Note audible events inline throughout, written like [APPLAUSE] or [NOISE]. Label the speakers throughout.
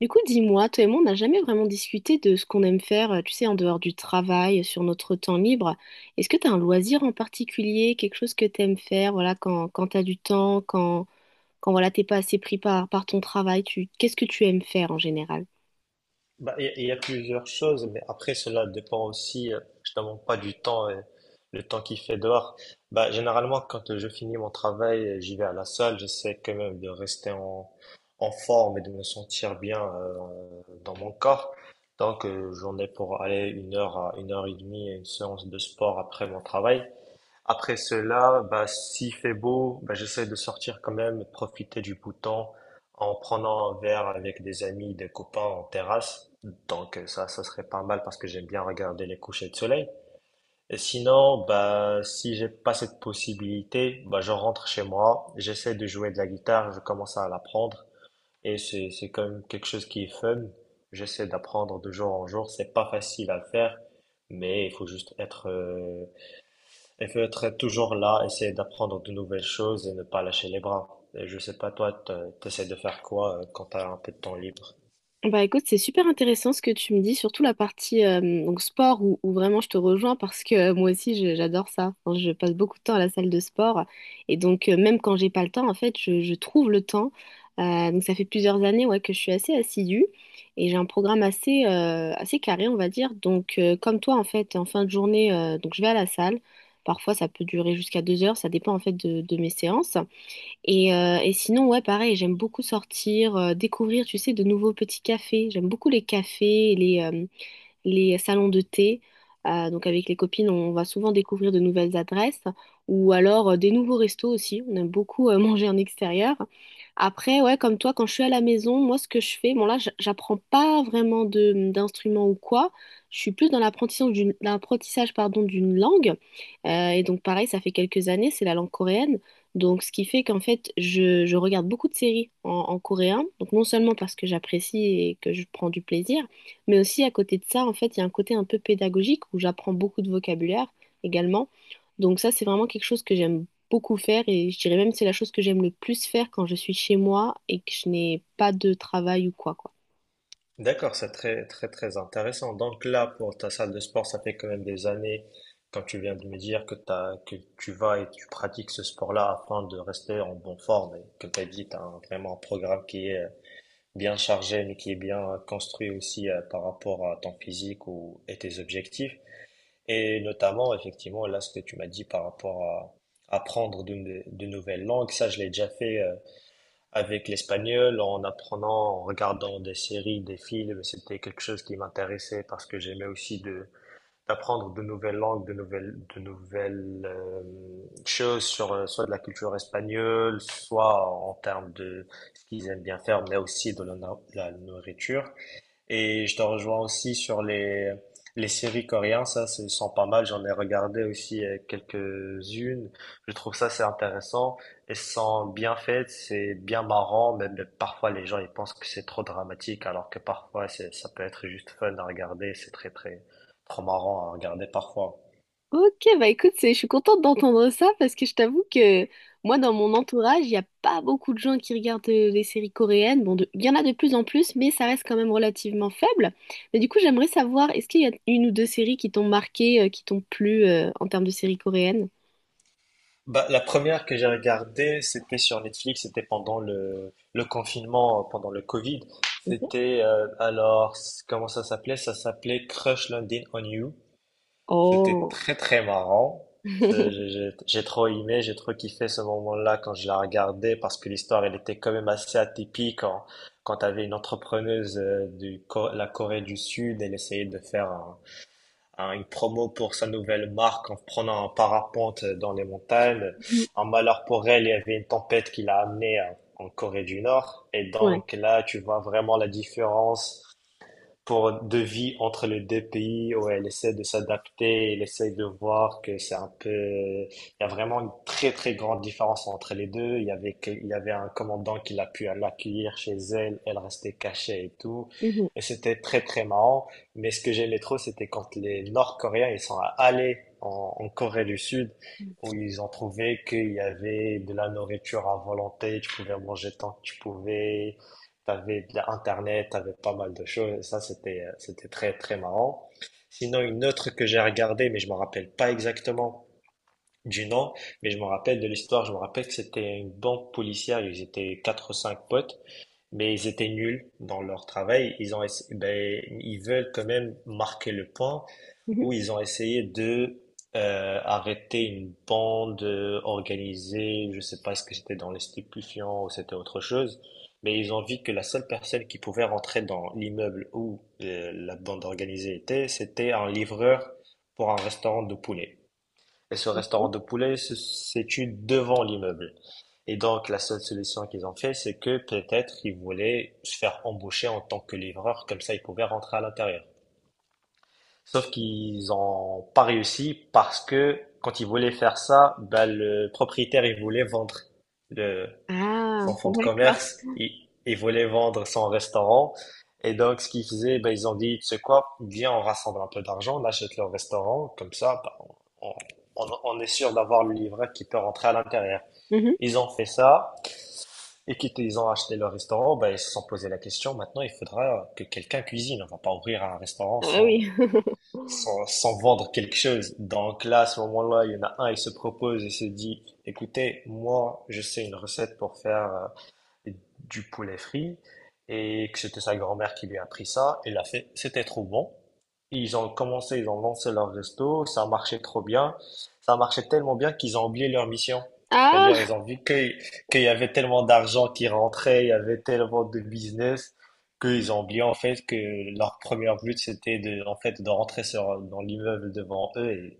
Speaker 1: Du coup, dis-moi, toi et moi, on n'a jamais vraiment discuté de ce qu'on aime faire, tu sais, en dehors du travail, sur notre temps libre. Est-ce que tu as un loisir en particulier, quelque chose que tu aimes faire, voilà, quand tu as du temps, quand voilà, t'es pas assez pris par ton travail, qu'est-ce que tu aimes faire en général?
Speaker 2: Bah, il y a plusieurs choses, mais après cela dépend aussi justement pas du temps, et le temps qu'il fait dehors. Bah, généralement, quand je finis mon travail, j'y vais à la salle, j'essaie quand même de rester en forme et de me sentir bien dans mon corps. Donc, j'en ai pour aller une heure à une heure et demie à une séance de sport après mon travail. Après cela, bah, s'il fait beau, bah, j'essaie de sortir quand même, profiter du beau temps en prenant un verre avec des amis, des copains en terrasse. Donc ça, ça serait pas mal parce que j'aime bien regarder les couchers de soleil. Et sinon, bah, si j'ai pas cette possibilité, bah, je rentre chez moi, j'essaie de jouer de la guitare, je commence à l'apprendre et c'est quand même quelque chose qui est fun. J'essaie d'apprendre de jour en jour, c'est pas facile à faire, mais il faut être toujours là, essayer d'apprendre de nouvelles choses et ne pas lâcher les bras. Et je sais pas, toi, tu essaies de faire quoi quand tu as un peu de temps libre?
Speaker 1: Bah écoute, c'est super intéressant ce que tu me dis, surtout la partie donc sport où vraiment je te rejoins parce que moi aussi j'adore ça. Enfin, je passe beaucoup de temps à la salle de sport et donc même quand j'ai pas le temps, en fait, je trouve le temps. Donc ça fait plusieurs années ouais, que je suis assez assidue et j'ai un programme assez carré, on va dire. Donc comme toi, en fait, en fin de journée, donc je vais à la salle. Parfois ça peut durer jusqu'à deux heures, ça dépend en fait de mes séances. Et sinon, ouais, pareil, j'aime beaucoup sortir, découvrir, tu sais, de nouveaux petits cafés. J'aime beaucoup les cafés, les salons de thé. Donc avec les copines, on va souvent découvrir de nouvelles adresses ou alors des nouveaux restos aussi. On aime beaucoup [LAUGHS] manger en extérieur. Après, ouais, comme toi, quand je suis à la maison, moi, ce que je fais, bon là, j'apprends pas vraiment de d'instruments ou quoi. Je suis plus dans l'apprentissage d'une l'apprentissage, pardon, d'une langue. Et donc pareil, ça fait quelques années, c'est la langue coréenne. Donc, ce qui fait qu'en fait, je regarde beaucoup de séries en coréen. Donc, non seulement parce que j'apprécie et que je prends du plaisir, mais aussi, à côté de ça, en fait, il y a un côté un peu pédagogique où j'apprends beaucoup de vocabulaire également. Donc ça, c'est vraiment quelque chose que j'aime beaucoup faire et je dirais même que c'est la chose que j'aime le plus faire quand je suis chez moi et que je n'ai pas de travail ou quoi, quoi.
Speaker 2: D'accord, c'est très, très, très intéressant. Donc là, pour ta salle de sport, ça fait quand même des années, quand tu viens de me dire que tu vas et tu pratiques ce sport-là afin de rester en bonne forme et que tu as dit, tu as vraiment un programme qui est bien chargé, mais qui est bien construit aussi par rapport à ton physique ou, et tes objectifs. Et notamment, effectivement, là, ce que tu m'as dit par rapport à apprendre de, no-, de nouvelles langues, ça, je l'ai déjà fait avec l'espagnol, en apprenant, en regardant des séries, des films. C'était quelque chose qui m'intéressait parce que j'aimais aussi de d'apprendre de nouvelles langues, de nouvelles choses sur soit de la culture espagnole, soit en termes de ce qu'ils aiment bien faire, mais aussi de la, no-, la nourriture. Et je te rejoins aussi sur les séries coréennes, ça, ce sont pas mal. J'en ai regardé aussi quelques-unes. Je trouve ça, c'est intéressant. Elles sont bien faites, c'est bien marrant, même parfois les gens, ils pensent que c'est trop dramatique, alors que parfois, c'est, ça peut être juste fun à regarder. C'est très, très, trop marrant à regarder parfois.
Speaker 1: Ok, bah écoute, je suis contente d'entendre ça parce que je t'avoue que moi, dans mon entourage, il n'y a pas beaucoup de gens qui regardent les séries coréennes. Bon, il y en a de plus en plus, mais ça reste quand même relativement faible. Mais du coup, j'aimerais savoir, est-ce qu'il y a une ou deux séries qui t'ont marqué, qui t'ont plu, en termes de séries coréennes?
Speaker 2: Bah, la première que j'ai regardée, c'était sur Netflix, c'était pendant le confinement, pendant le Covid.
Speaker 1: Mhm.
Speaker 2: C'était, alors, comment ça s'appelait? Ça s'appelait Crush Landing on You. C'était
Speaker 1: Oh.
Speaker 2: très très marrant. C'est- J'ai
Speaker 1: [LAUGHS]
Speaker 2: j'ai- j'ai trop aimé, j'ai trop kiffé ce moment-là quand je la regardais parce que l'histoire, elle était quand même assez atypique quand t'avais une entrepreneuse de la Corée du Sud, elle essayait de faire une promo pour sa nouvelle marque en prenant un parapente dans les montagnes.
Speaker 1: Mhm.
Speaker 2: En malheur pour elle, il y avait une tempête qui l'a amenée hein, en Corée du Nord. Et
Speaker 1: Ouais.
Speaker 2: donc là, tu vois vraiment la différence pour de vie entre les deux pays où elle essaie de s'adapter, elle essaie de voir que c'est un peu, il y a vraiment une très très grande différence entre les deux. Il y avait un commandant qui l'a pu l'accueillir chez elle, elle restait cachée et tout.
Speaker 1: Mhm.
Speaker 2: Et c'était très très marrant. Mais ce que j'aimais trop, c'était quand les Nord-Coréens, ils sont allés en Corée du Sud, où ils ont trouvé qu'il y avait de la nourriture à volonté, tu pouvais manger tant que tu pouvais, t'avais de l'internet, t'avais pas mal de choses. Ça, c'était très, très marrant. Sinon, une autre que j'ai regardée, mais je me rappelle pas exactement du nom, mais je me rappelle de l'histoire. Je me rappelle que c'était une banque policière. Ils étaient quatre ou cinq potes, mais ils étaient nuls dans leur travail. Ils ont, essa- ben, ils veulent quand même marquer le point
Speaker 1: Mhm.
Speaker 2: où ils ont essayé de arrêter une bande organisée, je sais pas ce que c'était dans les stupéfiants ou c'était autre chose, mais ils ont vu que la seule personne qui pouvait rentrer dans l'immeuble où la bande organisée était, c'était un livreur pour un restaurant de poulet. Et ce restaurant
Speaker 1: Mhm.
Speaker 2: de poulet se situe devant l'immeuble. Et donc la seule solution qu'ils ont fait, c'est que peut-être ils voulaient se faire embaucher en tant que livreur, comme ça ils pouvaient rentrer à l'intérieur. Sauf qu'ils ont pas réussi parce que quand ils voulaient faire ça, ben le propriétaire, il voulait vendre le,
Speaker 1: Ah,
Speaker 2: son fonds de
Speaker 1: d'accord.
Speaker 2: commerce, il voulait vendre son restaurant. Et donc, ce qu'ils faisaient, ben ils ont dit, tu sais quoi, viens, on rassemble un peu d'argent, on achète le restaurant, comme ça, bah, on, on est sûr d'avoir le livret qui peut rentrer à l'intérieur.
Speaker 1: Mhm.
Speaker 2: Ils ont fait ça, et quand ils ont acheté le restaurant, ben ils se sont posé la question, maintenant, il faudra que quelqu'un cuisine. On va pas ouvrir un restaurant
Speaker 1: Ah bah
Speaker 2: sans,
Speaker 1: oui. [LAUGHS]
Speaker 2: sans, sans vendre quelque chose. Donc là, à ce moment-là, il y en a un, il se propose et se dit, écoutez, moi, je sais une recette pour faire du poulet frit et que c'était sa grand-mère qui lui a appris ça. Et l'a fait, c'était trop bon. Ils ont commencé, ils ont lancé leur resto, ça marchait trop bien. Ça marchait tellement bien qu'ils ont oublié leur mission. C'est-à-dire,
Speaker 1: Ah,
Speaker 2: ils ont vu qu'il y avait tellement d'argent qui rentrait, il y avait tellement de business, qu'ils ont oublié en fait que leur premier but c'était de, en fait, de rentrer dans l'immeuble devant eux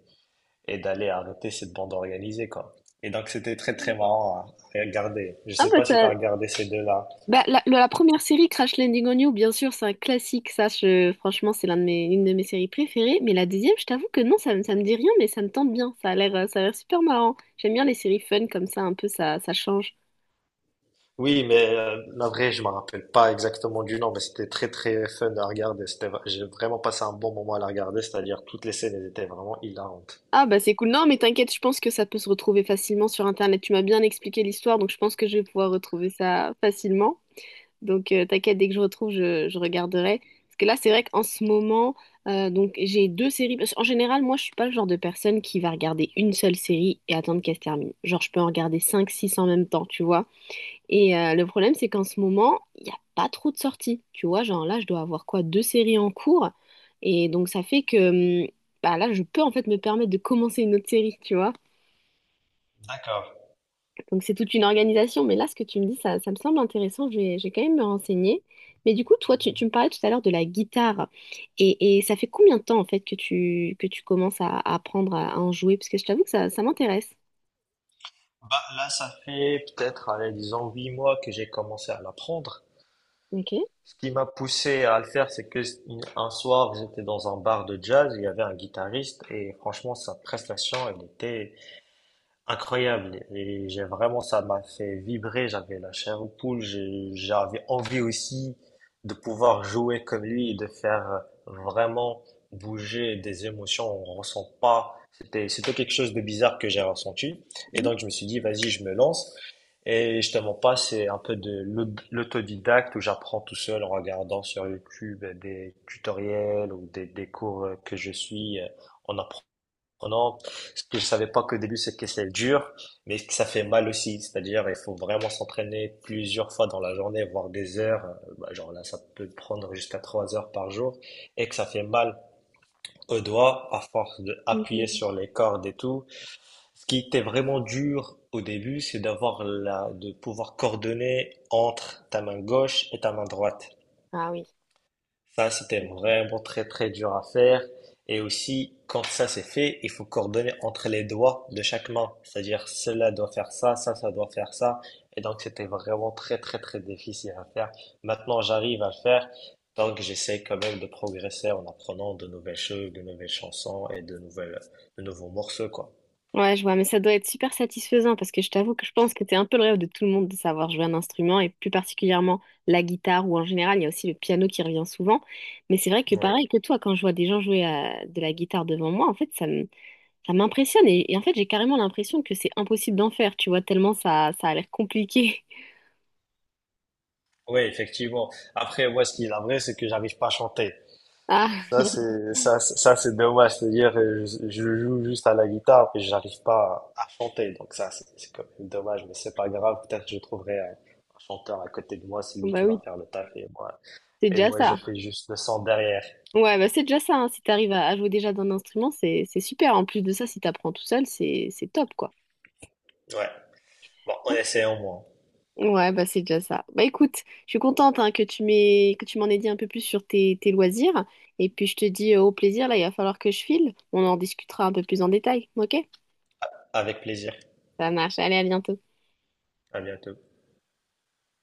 Speaker 2: et d'aller arrêter cette bande organisée, quoi. Et donc, c'était très, très marrant à regarder. Je
Speaker 1: ah
Speaker 2: sais
Speaker 1: bah
Speaker 2: pas
Speaker 1: ça...
Speaker 2: si tu as regardé ces deux-là.
Speaker 1: Bah, la première série Crash Landing on You, bien sûr, c'est un classique, ça, franchement, c'est l'un de mes, une de mes séries préférées. Mais la deuxième, je t'avoue que non, ça, ça me dit rien, mais ça me tente bien. Ça a l'air super marrant. J'aime bien les séries fun comme ça, un peu, ça change.
Speaker 2: Oui, mais la vraie, je me rappelle pas exactement du nom, mais c'était très, très fun à regarder. J'ai vraiment passé un bon moment à la regarder, c'est-à-dire toutes les scènes elles étaient vraiment hilarantes.
Speaker 1: Ah bah c'est cool. Non, mais t'inquiète, je pense que ça peut se retrouver facilement sur Internet. Tu m'as bien expliqué l'histoire, donc je pense que je vais pouvoir retrouver ça facilement. Donc, t'inquiète, dès que je retrouve, je regarderai. Parce que là, c'est vrai qu'en ce moment, donc j'ai deux séries. Parce qu'en général, moi, je suis pas le genre de personne qui va regarder une seule série et attendre qu'elle se termine. Genre, je peux en regarder 5, 6 en même temps, tu vois. Et le problème, c'est qu'en ce moment, il n'y a pas trop de sorties. Tu vois, genre là, je dois avoir quoi? Deux séries en cours. Et donc, ça fait que bah, là, je peux en fait me permettre de commencer une autre série, tu vois.
Speaker 2: D'accord.
Speaker 1: Donc c'est toute une organisation. Mais là, ce que tu me dis, ça me semble intéressant. Je vais quand même me renseigner. Mais du coup, toi, tu me parlais tout à l'heure de la guitare. Et ça fait combien de temps, en fait, que tu commences à apprendre à en jouer? Parce que je t'avoue que ça m'intéresse.
Speaker 2: Bah, là, ça fait peut-être, allez, disons, 8 mois que j'ai commencé à l'apprendre.
Speaker 1: Ok.
Speaker 2: Ce qui m'a poussé à le faire, c'est que un soir, j'étais dans un bar de jazz, il y avait un guitariste, et franchement, sa prestation, elle était incroyable et j'ai vraiment ça m'a fait vibrer, j'avais la chair aux poules, j'avais envie aussi de pouvoir jouer comme lui et de faire vraiment bouger des émotions, on ressent pas, c'était quelque chose de bizarre que j'ai ressenti et
Speaker 1: Mhm.
Speaker 2: donc je me suis dit vas-y, je me lance et je te mens pas, c'est un peu de l'autodidacte où j'apprends tout seul en regardant sur YouTube des tutoriels ou des cours que je suis en apprenant. Oh non, ce que je savais pas qu'au début c'est que c'est dur, mais que ça fait mal aussi. C'est-à-dire, il faut vraiment s'entraîner plusieurs fois dans la journée, voire des heures. Bah, genre là, ça peut prendre jusqu'à 3 heures par jour et que ça fait mal aux doigts à force de appuyer
Speaker 1: Mhm.
Speaker 2: sur les cordes et tout. Ce qui était vraiment dur au début, c'est d'avoir la, de pouvoir coordonner entre ta main gauche et ta main droite.
Speaker 1: Ah oui.
Speaker 2: Ça, c'était vraiment très très dur à faire. Et aussi, quand ça c'est fait, il faut coordonner entre les doigts de chaque main. C'est-à-dire, cela doit faire ça, ça, ça doit faire ça. Et donc, c'était vraiment très très très difficile à faire. Maintenant, j'arrive à le faire. Donc, j'essaie quand même de progresser en apprenant de nouvelles choses, de nouvelles chansons et de nouvelles, de nouveaux morceaux, quoi.
Speaker 1: Ouais, je vois, mais ça doit être super satisfaisant parce que je t'avoue que je pense que c'est un peu le rêve de tout le monde de savoir jouer un instrument et plus particulièrement la guitare ou en général, il y a aussi le piano qui revient souvent. Mais c'est vrai que
Speaker 2: Oui.
Speaker 1: pareil que toi, quand je vois des gens jouer de la guitare devant moi, en fait, ça me, ça m'impressionne et en fait j'ai carrément l'impression que c'est impossible d'en faire, tu vois, tellement ça, ça a l'air compliqué. [LAUGHS]
Speaker 2: Oui, effectivement. Après, moi, ce qui est vrai, c'est que j'arrive pas à chanter.
Speaker 1: Ah,
Speaker 2: Ça,
Speaker 1: [LAUGHS]
Speaker 2: c'est dommage. C'est-à-dire, je joue juste à la guitare et j'arrive pas à chanter. Donc ça, c'est quand même dommage, mais c'est pas grave. Peut-être que je trouverai un chanteur à côté de moi, celui
Speaker 1: bah
Speaker 2: qui
Speaker 1: oui,
Speaker 2: va faire le taf et moi,
Speaker 1: c'est déjà
Speaker 2: je
Speaker 1: ça.
Speaker 2: fais juste le son derrière.
Speaker 1: Ouais, bah c'est déjà ça, hein, si t'arrives à jouer déjà d'un instrument, c'est super. En plus de ça, si t'apprends tout seul, c'est top, quoi.
Speaker 2: Ouais. Bon, on essaie au moins.
Speaker 1: Ouais, bah c'est déjà ça. Bah écoute, je suis contente hein, que tu m'en aies dit un peu plus sur tes, tes loisirs. Et puis je te dis au plaisir, là, il va falloir que je file. On en discutera un peu plus en détail, ok?
Speaker 2: Avec plaisir.
Speaker 1: Ça marche, allez, à bientôt.
Speaker 2: À bientôt.